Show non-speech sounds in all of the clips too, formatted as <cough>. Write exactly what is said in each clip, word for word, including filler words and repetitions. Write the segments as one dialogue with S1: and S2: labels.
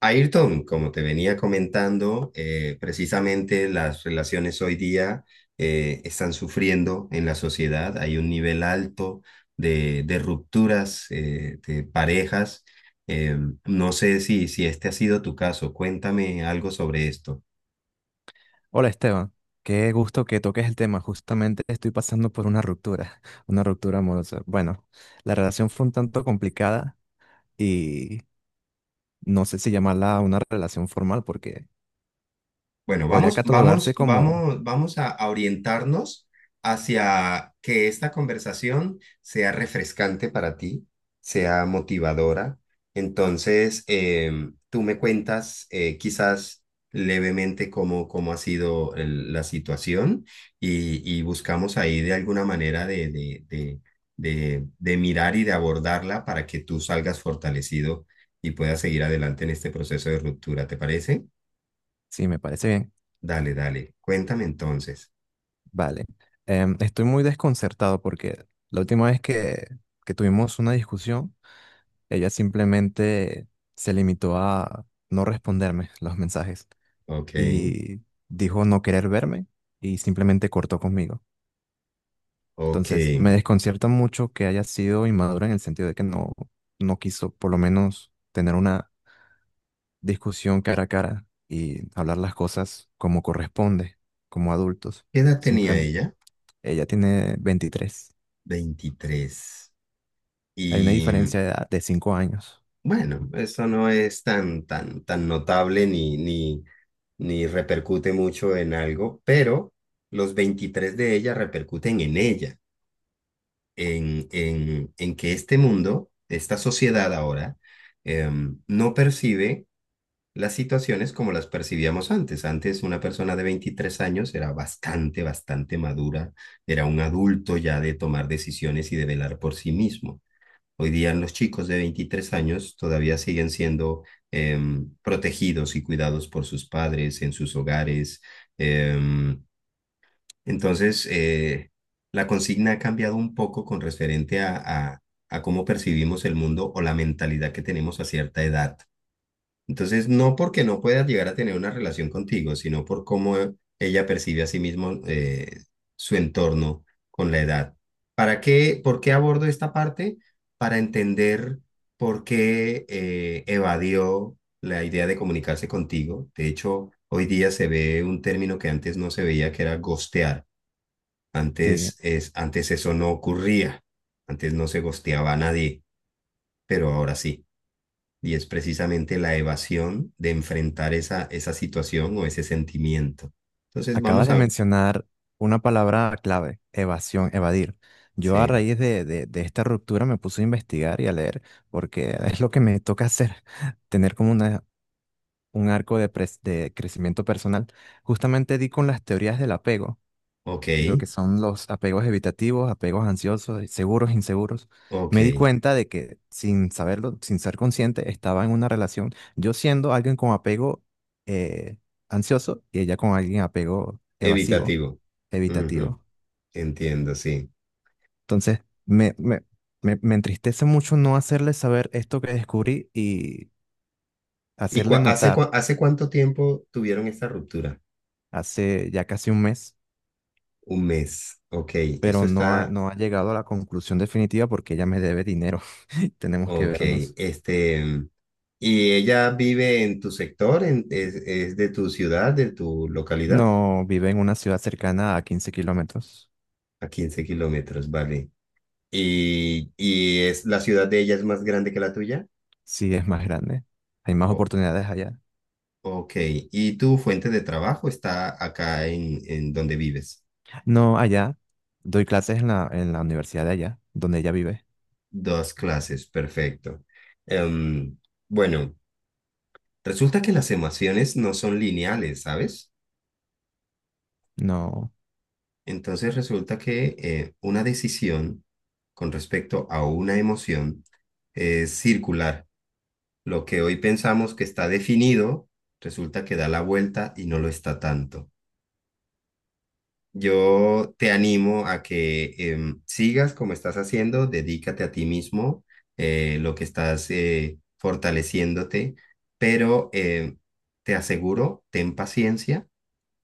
S1: Ayrton, como te venía comentando, eh, precisamente las relaciones hoy día eh, están sufriendo en la sociedad. Hay un nivel alto de, de rupturas eh, de parejas. Eh, no sé si, si este ha sido tu caso. Cuéntame algo sobre esto.
S2: Hola Esteban, qué gusto que toques el tema. Justamente estoy pasando por una ruptura, <laughs> una ruptura amorosa. Bueno, la relación fue un tanto complicada y no sé si llamarla una relación formal porque
S1: Bueno,
S2: podría
S1: vamos, vamos,
S2: catalogarse como...
S1: vamos, vamos a, a orientarnos hacia que esta conversación sea refrescante para ti, sea motivadora. Entonces, em, tú me cuentas eh, quizás levemente cómo, cómo ha sido el- la situación y, y buscamos ahí de alguna manera de, de, de, de, de mirar y de abordarla para que tú salgas fortalecido y puedas seguir adelante en este proceso de ruptura, ¿te parece?
S2: Sí, me parece bien.
S1: Dale, dale. Cuéntame entonces.
S2: Vale. Em, estoy muy desconcertado porque la última vez que, que tuvimos una discusión, ella simplemente se limitó a no responderme los mensajes
S1: Ok,
S2: y dijo no querer verme y simplemente cortó conmigo.
S1: ok.
S2: Entonces, me
S1: ¿Qué
S2: desconcierta mucho que haya sido inmadura en el sentido de que no, no quiso por lo menos tener una discusión cara a cara y hablar las cosas como corresponde, como adultos.
S1: edad tenía
S2: Simplemente,
S1: ella?
S2: ella tiene veintitrés.
S1: Veintitrés.
S2: Hay una
S1: Y
S2: diferencia de edad de cinco años.
S1: bueno, eso no es tan, tan, tan, notable ni, ni, ni repercute mucho en algo, pero los veintitrés de ella repercuten en ella, en, en, en que este mundo, esta sociedad ahora, em, no percibe las situaciones como las percibíamos antes. Antes una persona de veintitrés años era bastante, bastante madura, era un adulto ya de tomar decisiones y de velar por sí mismo. Hoy día los chicos de veintitrés años todavía siguen siendo em, protegidos y cuidados por sus padres en sus hogares. Em, entonces, eh, la consigna ha cambiado un poco con referente a, a a cómo percibimos el mundo o la mentalidad que tenemos a cierta edad. Entonces, no porque no pueda llegar a tener una relación contigo, sino por cómo ella percibe a sí mismo eh, su entorno con la edad. ¿Para qué? ¿Por qué abordo esta parte? Para entender por qué eh, evadió la idea de comunicarse contigo. De hecho, hoy día se ve un término que antes no se veía, que era ghostear.
S2: Sí,
S1: Antes, es, antes eso no ocurría. Antes no se ghosteaba a nadie, pero ahora sí y es precisamente la evasión de enfrentar esa, esa situación o ese sentimiento. Entonces
S2: acabas
S1: vamos
S2: de
S1: a...
S2: mencionar una palabra clave, evasión, evadir. Yo a
S1: Sí,
S2: raíz de, de, de esta ruptura me puse a investigar y a leer porque es lo que me toca hacer, <laughs> tener como una un arco de, pres- de crecimiento personal, justamente di con las teorías del apego,
S1: ok,
S2: de lo que son los apegos evitativos, apegos ansiosos, eh, seguros, inseguros.
S1: ok,
S2: Me di cuenta de que sin saberlo, sin ser consciente, estaba en una relación, yo siendo alguien con apego eh, ansioso y ella con alguien apego evasivo,
S1: evitativo. Ujú,
S2: evitativo.
S1: entiendo, sí.
S2: Entonces, me, me, me, me entristece mucho no hacerle saber esto que descubrí y
S1: ¿Y
S2: hacerle
S1: cua- hace,
S2: notar
S1: cua- hace cuánto tiempo tuvieron esta ruptura?
S2: hace ya casi un mes
S1: Un mes, ok, esto
S2: pero no ha,
S1: está,
S2: no ha llegado a la conclusión definitiva porque ella me debe dinero. <laughs> Tenemos que
S1: ok,
S2: vernos.
S1: este... mm, ¿Y ella vive en tu sector? ¿En, es, es de tu ciudad, de tu localidad?
S2: No, vive en una ciudad cercana a quince kilómetros.
S1: A quince kilómetros, vale. Y, y es la ciudad de ella es más grande que la tuya.
S2: Sí, es más grande. Hay más
S1: Oh,
S2: oportunidades allá.
S1: ok. ¿Y tu fuente de trabajo está acá en, en donde vives?
S2: No, allá. Doy clases en la, en la universidad de allá, donde ella vive.
S1: Dos clases, perfecto. Em, bueno, resulta que las emociones no son lineales, ¿sabes?
S2: No.
S1: Entonces resulta que eh, una decisión con respecto a una emoción es circular. Lo que hoy pensamos que está definido, resulta que da la vuelta y no lo está tanto. Yo te animo a que em, sigas como estás haciendo, dedícate a ti mismo, eh, lo que estás eh, fortaleciéndote, pero eh, te aseguro, ten paciencia,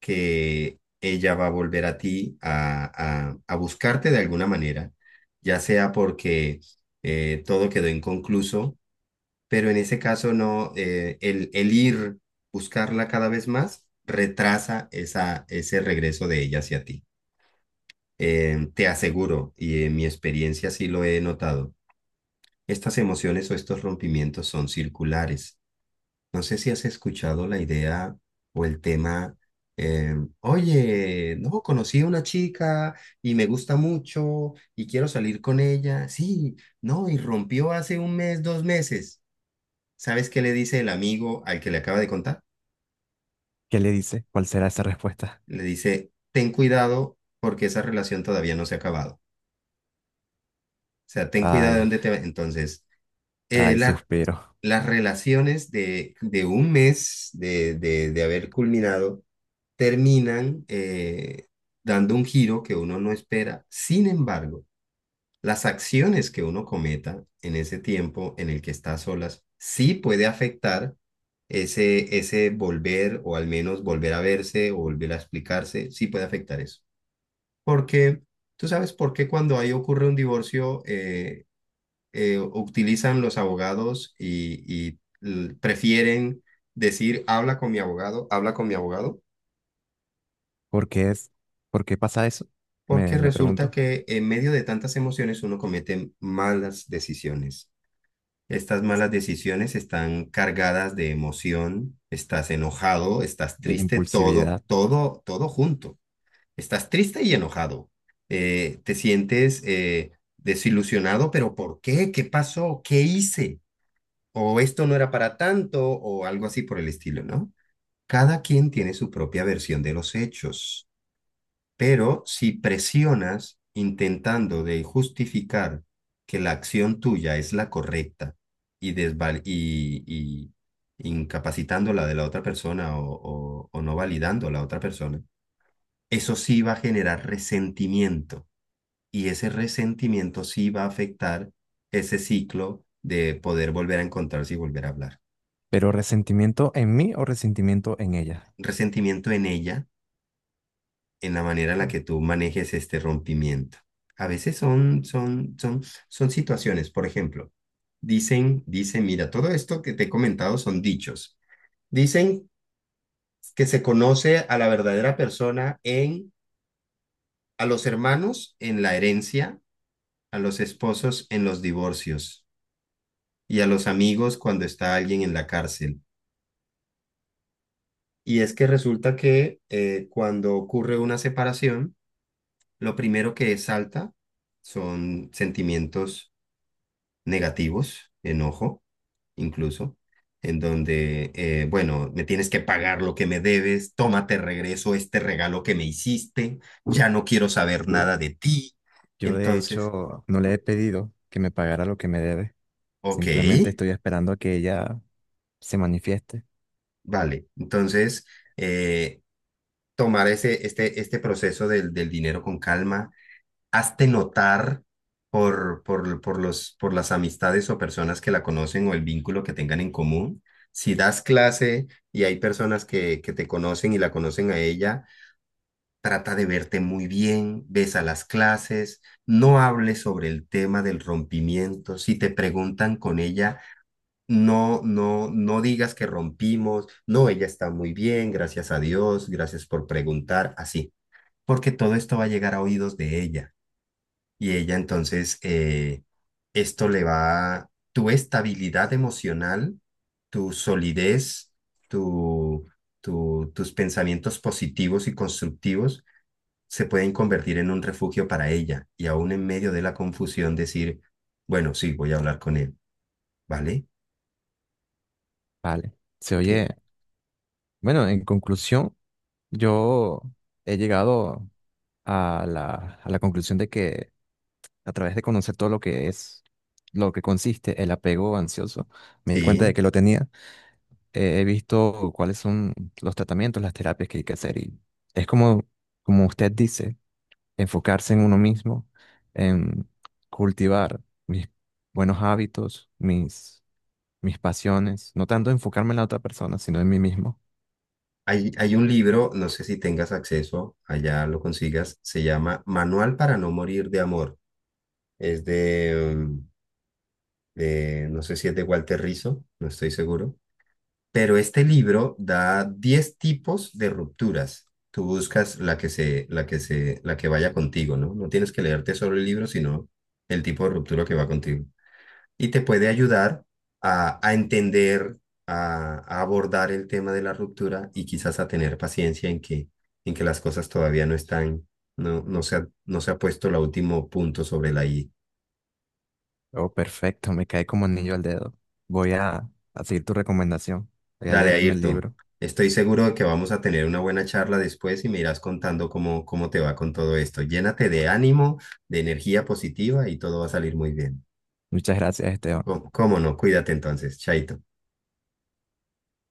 S1: que ella va a volver a ti a, a- a buscarte de alguna manera, ya sea porque eh, todo quedó inconcluso, pero en ese caso no, eh, el, el ir buscarla cada vez más retrasa esa, ese regreso de ella hacia ti. Eh, te aseguro, y en mi experiencia sí lo he notado, estas emociones o estos rompimientos son circulares. No sé si has escuchado la idea o el tema, eh, oye, no, conocí a una chica y me gusta mucho y quiero salir con ella. Sí, no, y rompió hace un mes, dos meses. ¿Sabes qué le dice el amigo al que le acaba de contar?
S2: ¿Qué le dice? ¿Cuál será esa respuesta?
S1: Le dice, ten cuidado porque esa relación todavía no se ha acabado. O sea, ten cuidado de
S2: Ay,
S1: dónde te va. Entonces, eh,
S2: ay,
S1: la
S2: suspiro.
S1: las relaciones de, de un mes de, de, de haber culminado terminan eh, dando un giro que uno no espera. Sin embargo, las acciones que uno cometa en ese tiempo en el que está a solas sí puede afectar ese, ese volver o al menos volver a verse o volver a explicarse, sí puede afectar eso. Porque tú sabes por qué cuando ahí ocurre un divorcio, eh, eh, utilizan los abogados y, y l- prefieren decir, habla con mi abogado, habla con mi abogado,
S2: ¿Por qué es? ¿Por qué pasa eso?
S1: porque
S2: Me, me
S1: resulta
S2: pregunto.
S1: que en medio de tantas emociones uno comete malas decisiones. Estas malas decisiones están cargadas de emoción, estás enojado, estás
S2: De
S1: triste, todo,
S2: impulsividad.
S1: todo, todo junto. Estás triste y enojado. Eh, te sientes eh, desilusionado, pero ¿por qué? ¿Qué pasó? ¿Qué hice? O esto no era para tanto, o algo así por el estilo, ¿no? Cada quien tiene su propia versión de los hechos, pero si presionas intentando de justificar que la acción tuya es la correcta y, desval y, y incapacitando la de la otra persona o, o, o no validando a la otra persona, eso sí va a generar resentimiento y ese resentimiento sí va a afectar ese ciclo de poder volver a encontrarse y volver a hablar.
S2: ¿Pero resentimiento en mí o resentimiento en ella?
S1: Resentimiento en ella, en la manera en la que tú manejes este rompimiento. A veces son, son, son, son situaciones, por ejemplo, dicen, dicen, mira, todo esto que te he comentado son dichos. Dicen que se conoce a la verdadera persona en, a los hermanos en la herencia, a los esposos en los divorcios y a los amigos cuando está alguien en la cárcel. Y es que resulta que eh, cuando ocurre una separación, lo primero que salta son sentimientos negativos, enojo, incluso, en donde, eh, bueno, me tienes que pagar lo que me debes, tómate regreso este regalo que me hiciste, ya no quiero saber nada de ti.
S2: Yo de
S1: Entonces,
S2: hecho no le he pedido que me pagara lo que me debe.
S1: ok,
S2: Simplemente estoy esperando a que ella se manifieste.
S1: vale. Entonces, eh, tomar ese, este, este proceso del, del dinero con calma, hazte notar por, por, por los, por las amistades o personas que la conocen o el vínculo que tengan en común. Si das clase y hay personas que, que te conocen y la conocen a ella, trata de verte muy bien, ves a las clases, no hables sobre el tema del rompimiento. Si te preguntan con ella, no, no, no digas que rompimos, no, ella está muy bien, gracias a Dios, gracias por preguntar, así, porque todo esto va a llegar a oídos de ella. Y ella entonces, eh, esto le va, tu estabilidad emocional, tu solidez, tu, tu- tus pensamientos positivos y constructivos se pueden convertir en un refugio para ella. Y aún en medio de la confusión decir, bueno, sí, voy a hablar con él, ¿vale?
S2: Vale. Se
S1: ¿Qué?
S2: oye. Bueno, en conclusión, yo he llegado a la, a la conclusión de que a través de conocer todo lo que es, lo que consiste el apego ansioso, me di cuenta de
S1: Sí.
S2: que lo tenía. Eh, he visto cuáles son los tratamientos, las terapias que hay que hacer y es como, como usted dice. Enfocarse en uno mismo, en cultivar mis buenos hábitos, mis, mis pasiones, no tanto enfocarme en la otra persona, sino en mí mismo.
S1: Hay, hay un libro, no sé si tengas acceso, allá lo consigas, se llama Manual para no morir de amor. Es de... mm, eh, no sé si es de Walter Rizzo, no estoy seguro, pero este libro da diez tipos de rupturas. Tú buscas la que se, la que se, la que vaya contigo, ¿no? No tienes que leerte solo el libro, sino el tipo de ruptura que va contigo. Y te puede ayudar a, a entender, a, a abordar el tema de la ruptura y quizás a tener paciencia en que, en que las cosas todavía no están, no, no se ha, no se ha puesto el último punto sobre la I.
S2: Oh, perfecto, me cae como anillo al dedo. Voy a, a seguir tu recomendación. Voy a
S1: Dale,
S2: leerme el
S1: Ayrton.
S2: libro.
S1: Estoy seguro de que vamos a tener una buena charla después y me irás contando cómo, cómo te va con todo esto. Llénate de ánimo, de energía positiva y todo va a salir muy bien.
S2: Muchas gracias, Esteban.
S1: ¿Cómo cómo no? Cuídate entonces, Chaito.